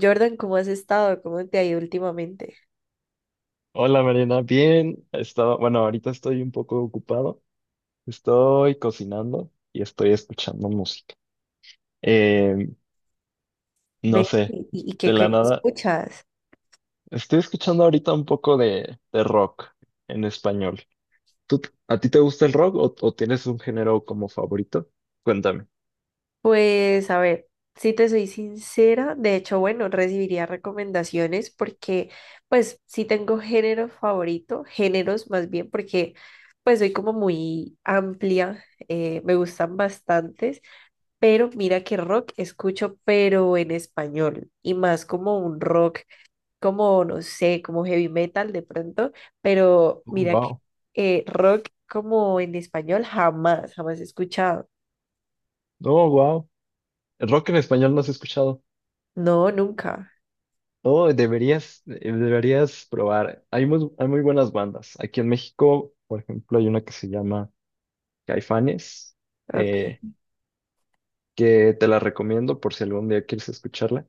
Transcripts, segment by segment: Jordan, ¿cómo has estado? ¿Cómo te ha ido últimamente? Hola Mariana, bien. Estaba, bueno, ahorita estoy un poco ocupado. Estoy cocinando y estoy escuchando música. Eh, Ve, no sé, ¿Y qué, de la qué nada. escuchas? Estoy escuchando ahorita un poco de rock en español. ¿Tú, a ti te gusta el rock o tienes un género como favorito? Cuéntame. Pues a ver, si te soy sincera, de hecho, bueno, recibiría recomendaciones porque pues sí tengo género favorito, géneros más bien, porque pues soy como muy amplia, me gustan bastantes, pero mira que rock escucho, pero en español y más como un rock como, no sé, como heavy metal de pronto, pero mira que Wow. Rock como en español jamás, jamás he escuchado. Oh, wow. El rock en español no has escuchado. No, nunca. Oh, deberías, deberías probar. Hay muy buenas bandas. Aquí en México, por ejemplo, hay una que se llama Caifanes, eh, Ok. que te la recomiendo por si algún día quieres escucharla.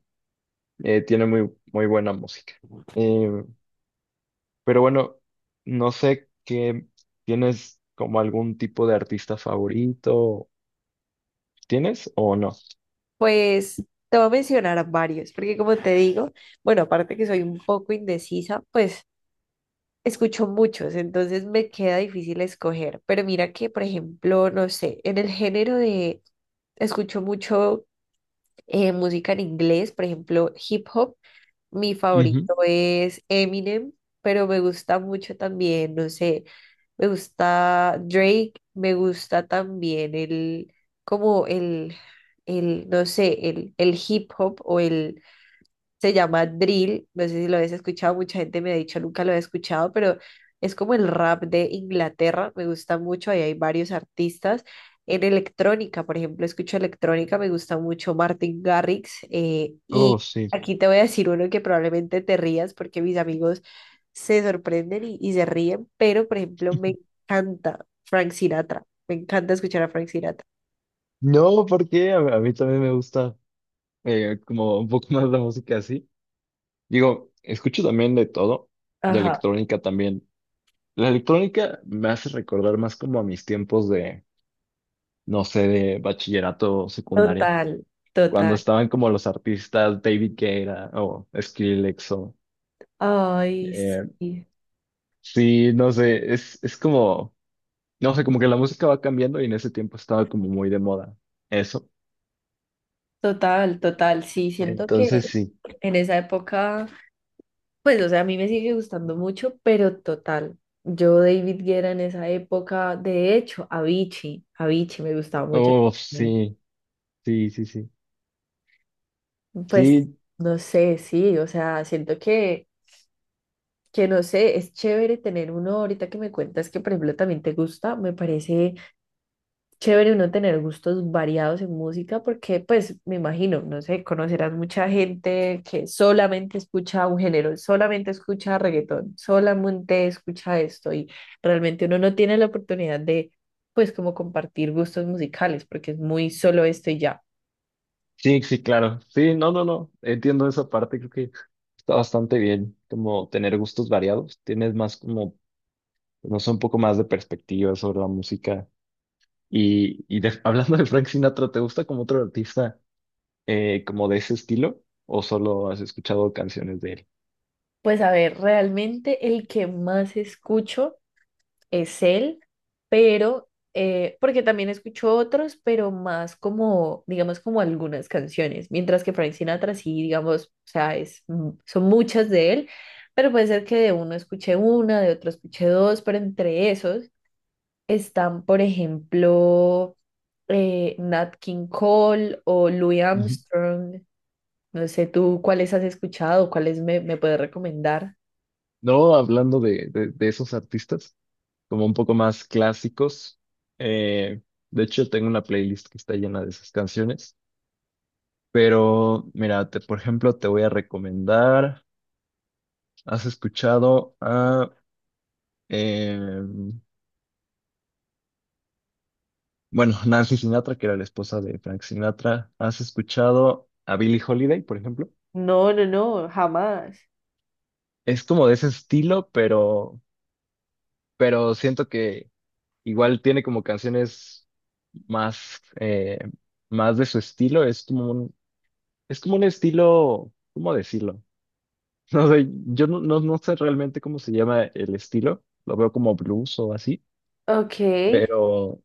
Tiene muy buena música. Eh, pero bueno, no sé qué tienes como algún tipo de artista favorito, ¿tienes o no? Pues te voy a mencionar varios, porque como te digo, bueno, aparte que soy un poco indecisa, pues escucho muchos, entonces me queda difícil escoger. Pero mira que, por ejemplo, no sé, en el género de, escucho mucho música en inglés, por ejemplo, hip hop. Mi Ujú. favorito es Eminem, pero me gusta mucho también, no sé, me gusta Drake, me gusta también el, como el, no sé, el hip hop o el se llama drill, no sé si lo habéis escuchado, mucha gente me ha dicho nunca lo he escuchado, pero es como el rap de Inglaterra, me gusta mucho, ahí hay varios artistas. En electrónica, por ejemplo, escucho electrónica, me gusta mucho Martin Garrix y Oh, sí. aquí te voy a decir uno que probablemente te rías porque mis amigos se sorprenden y se ríen, pero por ejemplo me encanta Frank Sinatra, me encanta escuchar a Frank Sinatra. No, porque a mí también me gusta como un poco más la música así. Digo, escucho también de todo, de Ajá, electrónica también. La electrónica me hace recordar más como a mis tiempos de no sé, de bachillerato o secundaria. total, Cuando total. estaban como los artistas David Guetta o Skrillex o... Ay, eh, sí. sí, no sé, es como... No sé, como que la música va cambiando y en ese tiempo estaba como muy de moda eso. Total, total, sí, siento que Entonces sí. en esa época, pues, o sea, a mí me sigue gustando mucho, pero total, yo David Guerra en esa época, de hecho, Avicii me gustaba mucho. Oh, Y, sí, sí, sí, sí. Pues, Sí, no sé, sí, o sea, siento que no sé, es chévere tener uno, ahorita que me cuentas que, por ejemplo, también te gusta, me parece chévere uno tener gustos variados en música porque, pues, me imagino, no sé, conocerás mucha gente que solamente escucha un género, solamente escucha reggaetón, solamente escucha esto y realmente uno no tiene la oportunidad de, pues, como compartir gustos musicales porque es muy solo esto y ya. sí, sí, claro. Sí, no, no, no. Entiendo esa parte. Creo que está bastante bien como tener gustos variados. Tienes más como, no sé, un poco más de perspectiva sobre la música. Y hablando de Frank Sinatra, ¿te gusta como otro artista como de ese estilo? ¿O solo has escuchado canciones de él? Pues, a ver, realmente el que más escucho es él, pero, porque también escucho otros, pero más como, digamos, como algunas canciones, mientras que Frank Sinatra sí, digamos, o sea, es, son muchas de él, pero puede ser que de uno escuche una, de otro escuche dos, pero entre esos están, por ejemplo, Nat King Cole o Louis Ujú. Armstrong. No sé tú cuáles has escuchado, cuáles me puedes recomendar. No, hablando de esos artistas, como un poco más clásicos. eh, de hecho, tengo una playlist que está llena de esas canciones. Pero, mira, por ejemplo, te voy a recomendar, has escuchado a, eh, bueno, Nancy Sinatra, que era la esposa de Frank Sinatra. ¿Has escuchado a Billie Holiday, por ejemplo? No, no, no, jamás. Es como de ese estilo, pero siento que igual tiene como canciones más, más de su estilo. Es como un estilo, ¿cómo decirlo? No sé, yo no, no, no sé realmente cómo se llama el estilo. Lo veo como blues o así. Ok, Pero,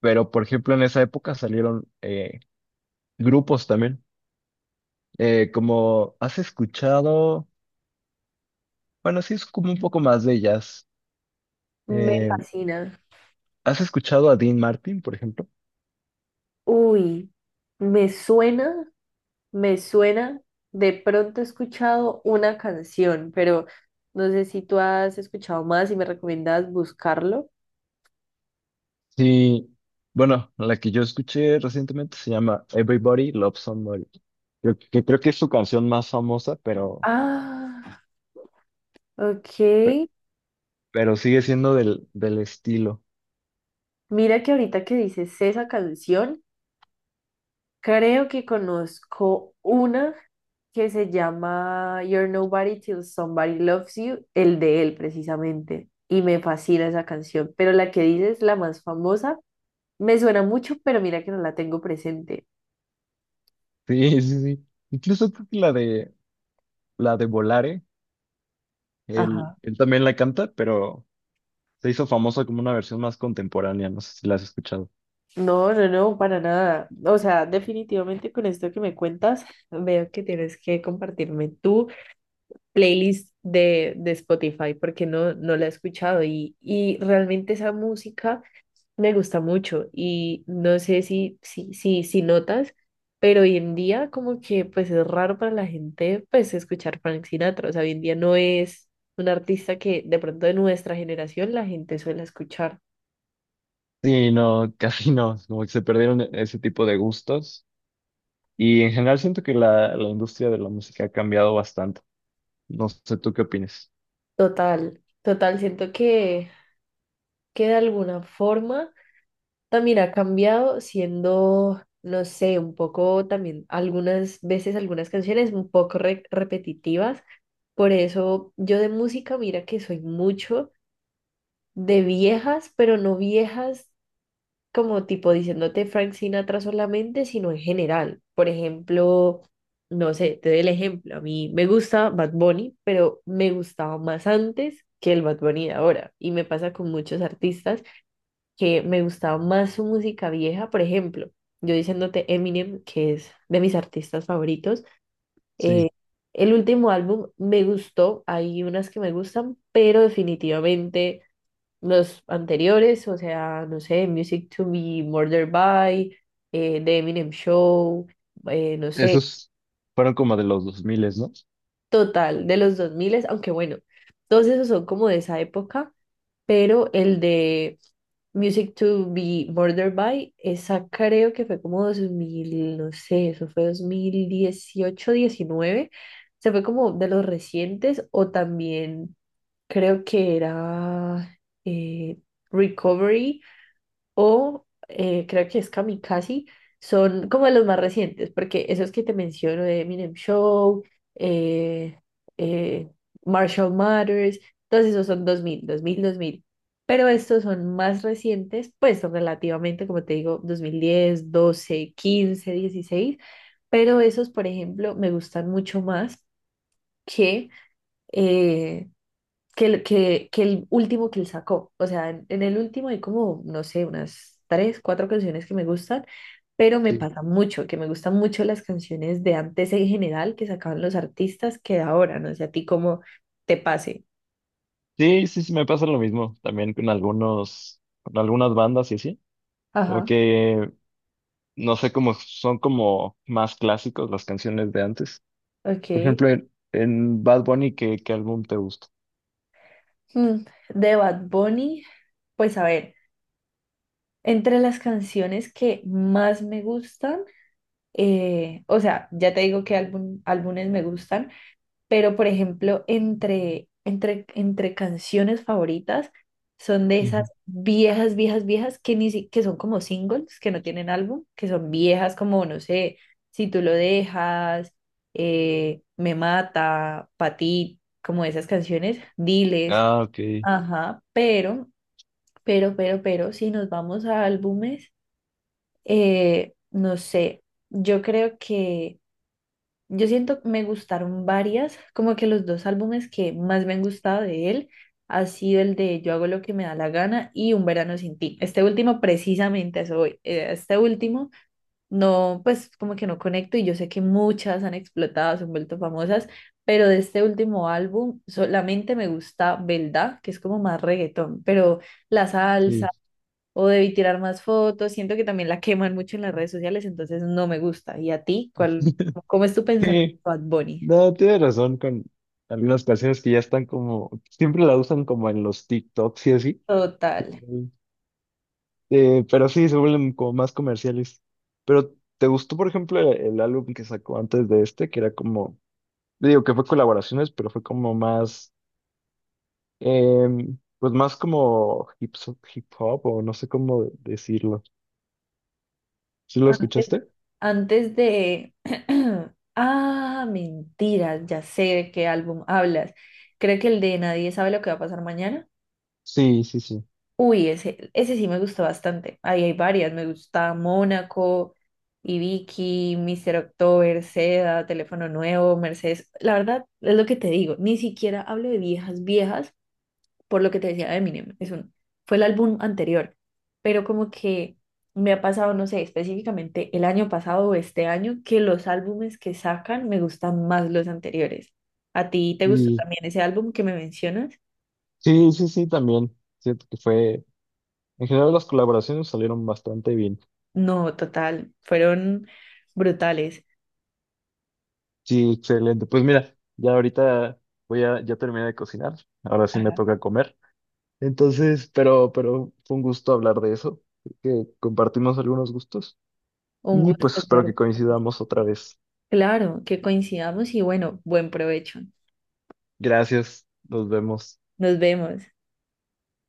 pero por ejemplo, en esa época salieron grupos también. Como has escuchado, bueno, sí es como un poco más de jazz. me Eh, fascina. ¿Has escuchado a Dean Martin, por ejemplo? Uy, me suena, me suena. De pronto he escuchado una canción, pero no sé si tú has escuchado más y me recomiendas buscarlo. Sí, bueno, la que yo escuché recientemente se llama Everybody Loves Somebody. Creo que es su canción más famosa, pero, Ah, pe- ok. pero sigue siendo del estilo. Mira que ahorita que dices esa canción, creo que conozco una que se llama You're Nobody Till Somebody Loves You, el de él precisamente. Y me fascina esa canción, pero la que dices, la más famosa, me suena mucho, pero mira que no la tengo presente. Sí, sí, sí. Incluso creo que la de Volare, él, Ajá. él también la canta, pero se hizo famosa como una versión más contemporánea. No sé si la has escuchado. No, no, no, para nada. O sea, definitivamente con esto que me cuentas, veo que tienes que compartirme tu playlist de Spotify porque no, no la he escuchado y realmente esa música me gusta mucho y no sé si notas, pero hoy en día como que pues es raro para la gente pues escuchar Frank Sinatra. O sea, hoy en día no es un artista que de pronto de nuestra generación la gente suele escuchar. Sí, no, casi no. Como que se perdieron ese tipo de gustos. Y en general siento que la industria de la música ha cambiado bastante. No sé, ¿tú qué opinas? Total. Total, siento que de alguna forma también ha cambiado siendo, no sé, un poco también algunas veces algunas canciones un poco repetitivas. Por eso yo de música, mira que soy mucho de viejas, pero no viejas como tipo diciéndote Frank Sinatra solamente, sino en general. Por ejemplo, no sé, te doy el ejemplo. A mí me gusta Bad Bunny, pero me gustaba más antes que el Bad Bunny de ahora. Y me pasa con muchos artistas que me gustaba más su música vieja, por ejemplo, yo diciéndote Eminem, que es de mis artistas favoritos, eh, Sí. el último álbum me gustó, hay unas que me gustan, pero definitivamente los anteriores, o sea, no sé, Music to Be Murdered By, The Eminem Show, no sé, Esos fueron como de los 2000, ¿no? total, de los 2000, aunque bueno, todos esos son como de esa época pero el de Music to be Murdered by, esa creo que fue como 2000 no sé, eso fue 2018, 2019 se fue como de los recientes o también creo que era eh, Recovery o creo que es Kamikaze, son como de los más recientes, porque esos que te menciono de Eminem Show, eh, eh, Marshall Matters, todos esos son dos dos mil dos mil dos mil Pero estos son más recientes, pues son relativamente, como te digo, 2010, 2012, 2015, 2016 Pero esos, por ejemplo, me gustan mucho más que, eh, que el último que él sacó. O sea, en el último hay como, no sé, unas tres, cuatro canciones que me gustan, pero me Sí. pasa mucho, que me gustan mucho las canciones de antes en general que sacaban los artistas que de ahora, no sé, a ti cómo te pase. Sí, sí, sí, me pasa lo mismo también con algunos, con algunas bandas y así. Como Ajá. que, no sé, cómo son como más clásicos las canciones de antes. Por Ok. ejemplo, en Bad Bunny, ¿qué, qué álbum te gusta? De Bad Bunny, pues a ver, entre las canciones que más me gustan, o sea, ya te digo qué álbum, álbumes me gustan. Pero por ejemplo, entre canciones favoritas son de esas Ujú, viejas, viejas, viejas que, ni, si- que son como singles, que no tienen álbum, que son viejas como, no sé, Si tú lo dejas, Me mata, Pa' ti, como esas canciones, Diles, ah, ok. ajá, si nos vamos a álbumes, no sé, yo creo que... Yo siento que me gustaron varias, como que los dos álbumes que más me han gustado de él ha sido el de Yo hago lo que me da la gana y Un verano sin ti. Este último precisamente a eso voy. Este último no, pues como que no conecto y yo sé que muchas han explotado, se han vuelto famosas, pero de este último álbum solamente me gusta Belda, que es como más reggaetón, pero la salsa Sí. o debí tirar más fotos. Siento que también la queman mucho en las redes sociales, entonces no me gusta. ¿Y a ti? ¿Cuál, cómo es tu pensamiento, Sí, Bad Bunny? no, tienes razón con algunas canciones que ya están como, siempre la usan como en los TikToks y así. Total. Pero sí, se vuelven como más comerciales. Pero, ¿te gustó, por ejemplo, el álbum que sacó antes de este? Que era como, digo que fue colaboraciones, pero fue como más, pues más como hip hop o no sé cómo decirlo. ¿Sí lo Antes, escuchaste? antes de... Ah, mentiras, ya sé de qué álbum hablas. Creo que el de Nadie sabe lo que va a pasar mañana. Sí, sí, sí. Uy, ese sí me gustó bastante. Ahí hay varias. Me gusta Mónaco, Ibiki, Mr. October, Seda, Teléfono Nuevo, Mercedes. La verdad, es lo que te digo. Ni siquiera hablo de viejas, viejas, por lo que te decía de Eminem. Fue el álbum anterior. Pero como que me ha pasado, no sé, específicamente el año pasado o este año, que los álbumes que sacan me gustan más los anteriores. ¿A ti te gustó Y también ese álbum que me mencionas? sí, sí, sí, también. Siento que fue, en general las colaboraciones salieron bastante bien. No, total. Fueron brutales. Sí, excelente. Pues mira, ya ahorita ya terminé de cocinar. Ahora sí me Ajá. toca comer. Entonces, pero fue un gusto hablar de eso, que compartimos algunos gustos Un y gusto, pues espero que Jordan. coincidamos otra vez. Claro, que coincidamos y bueno, buen provecho. Gracias, nos vemos. Nos vemos.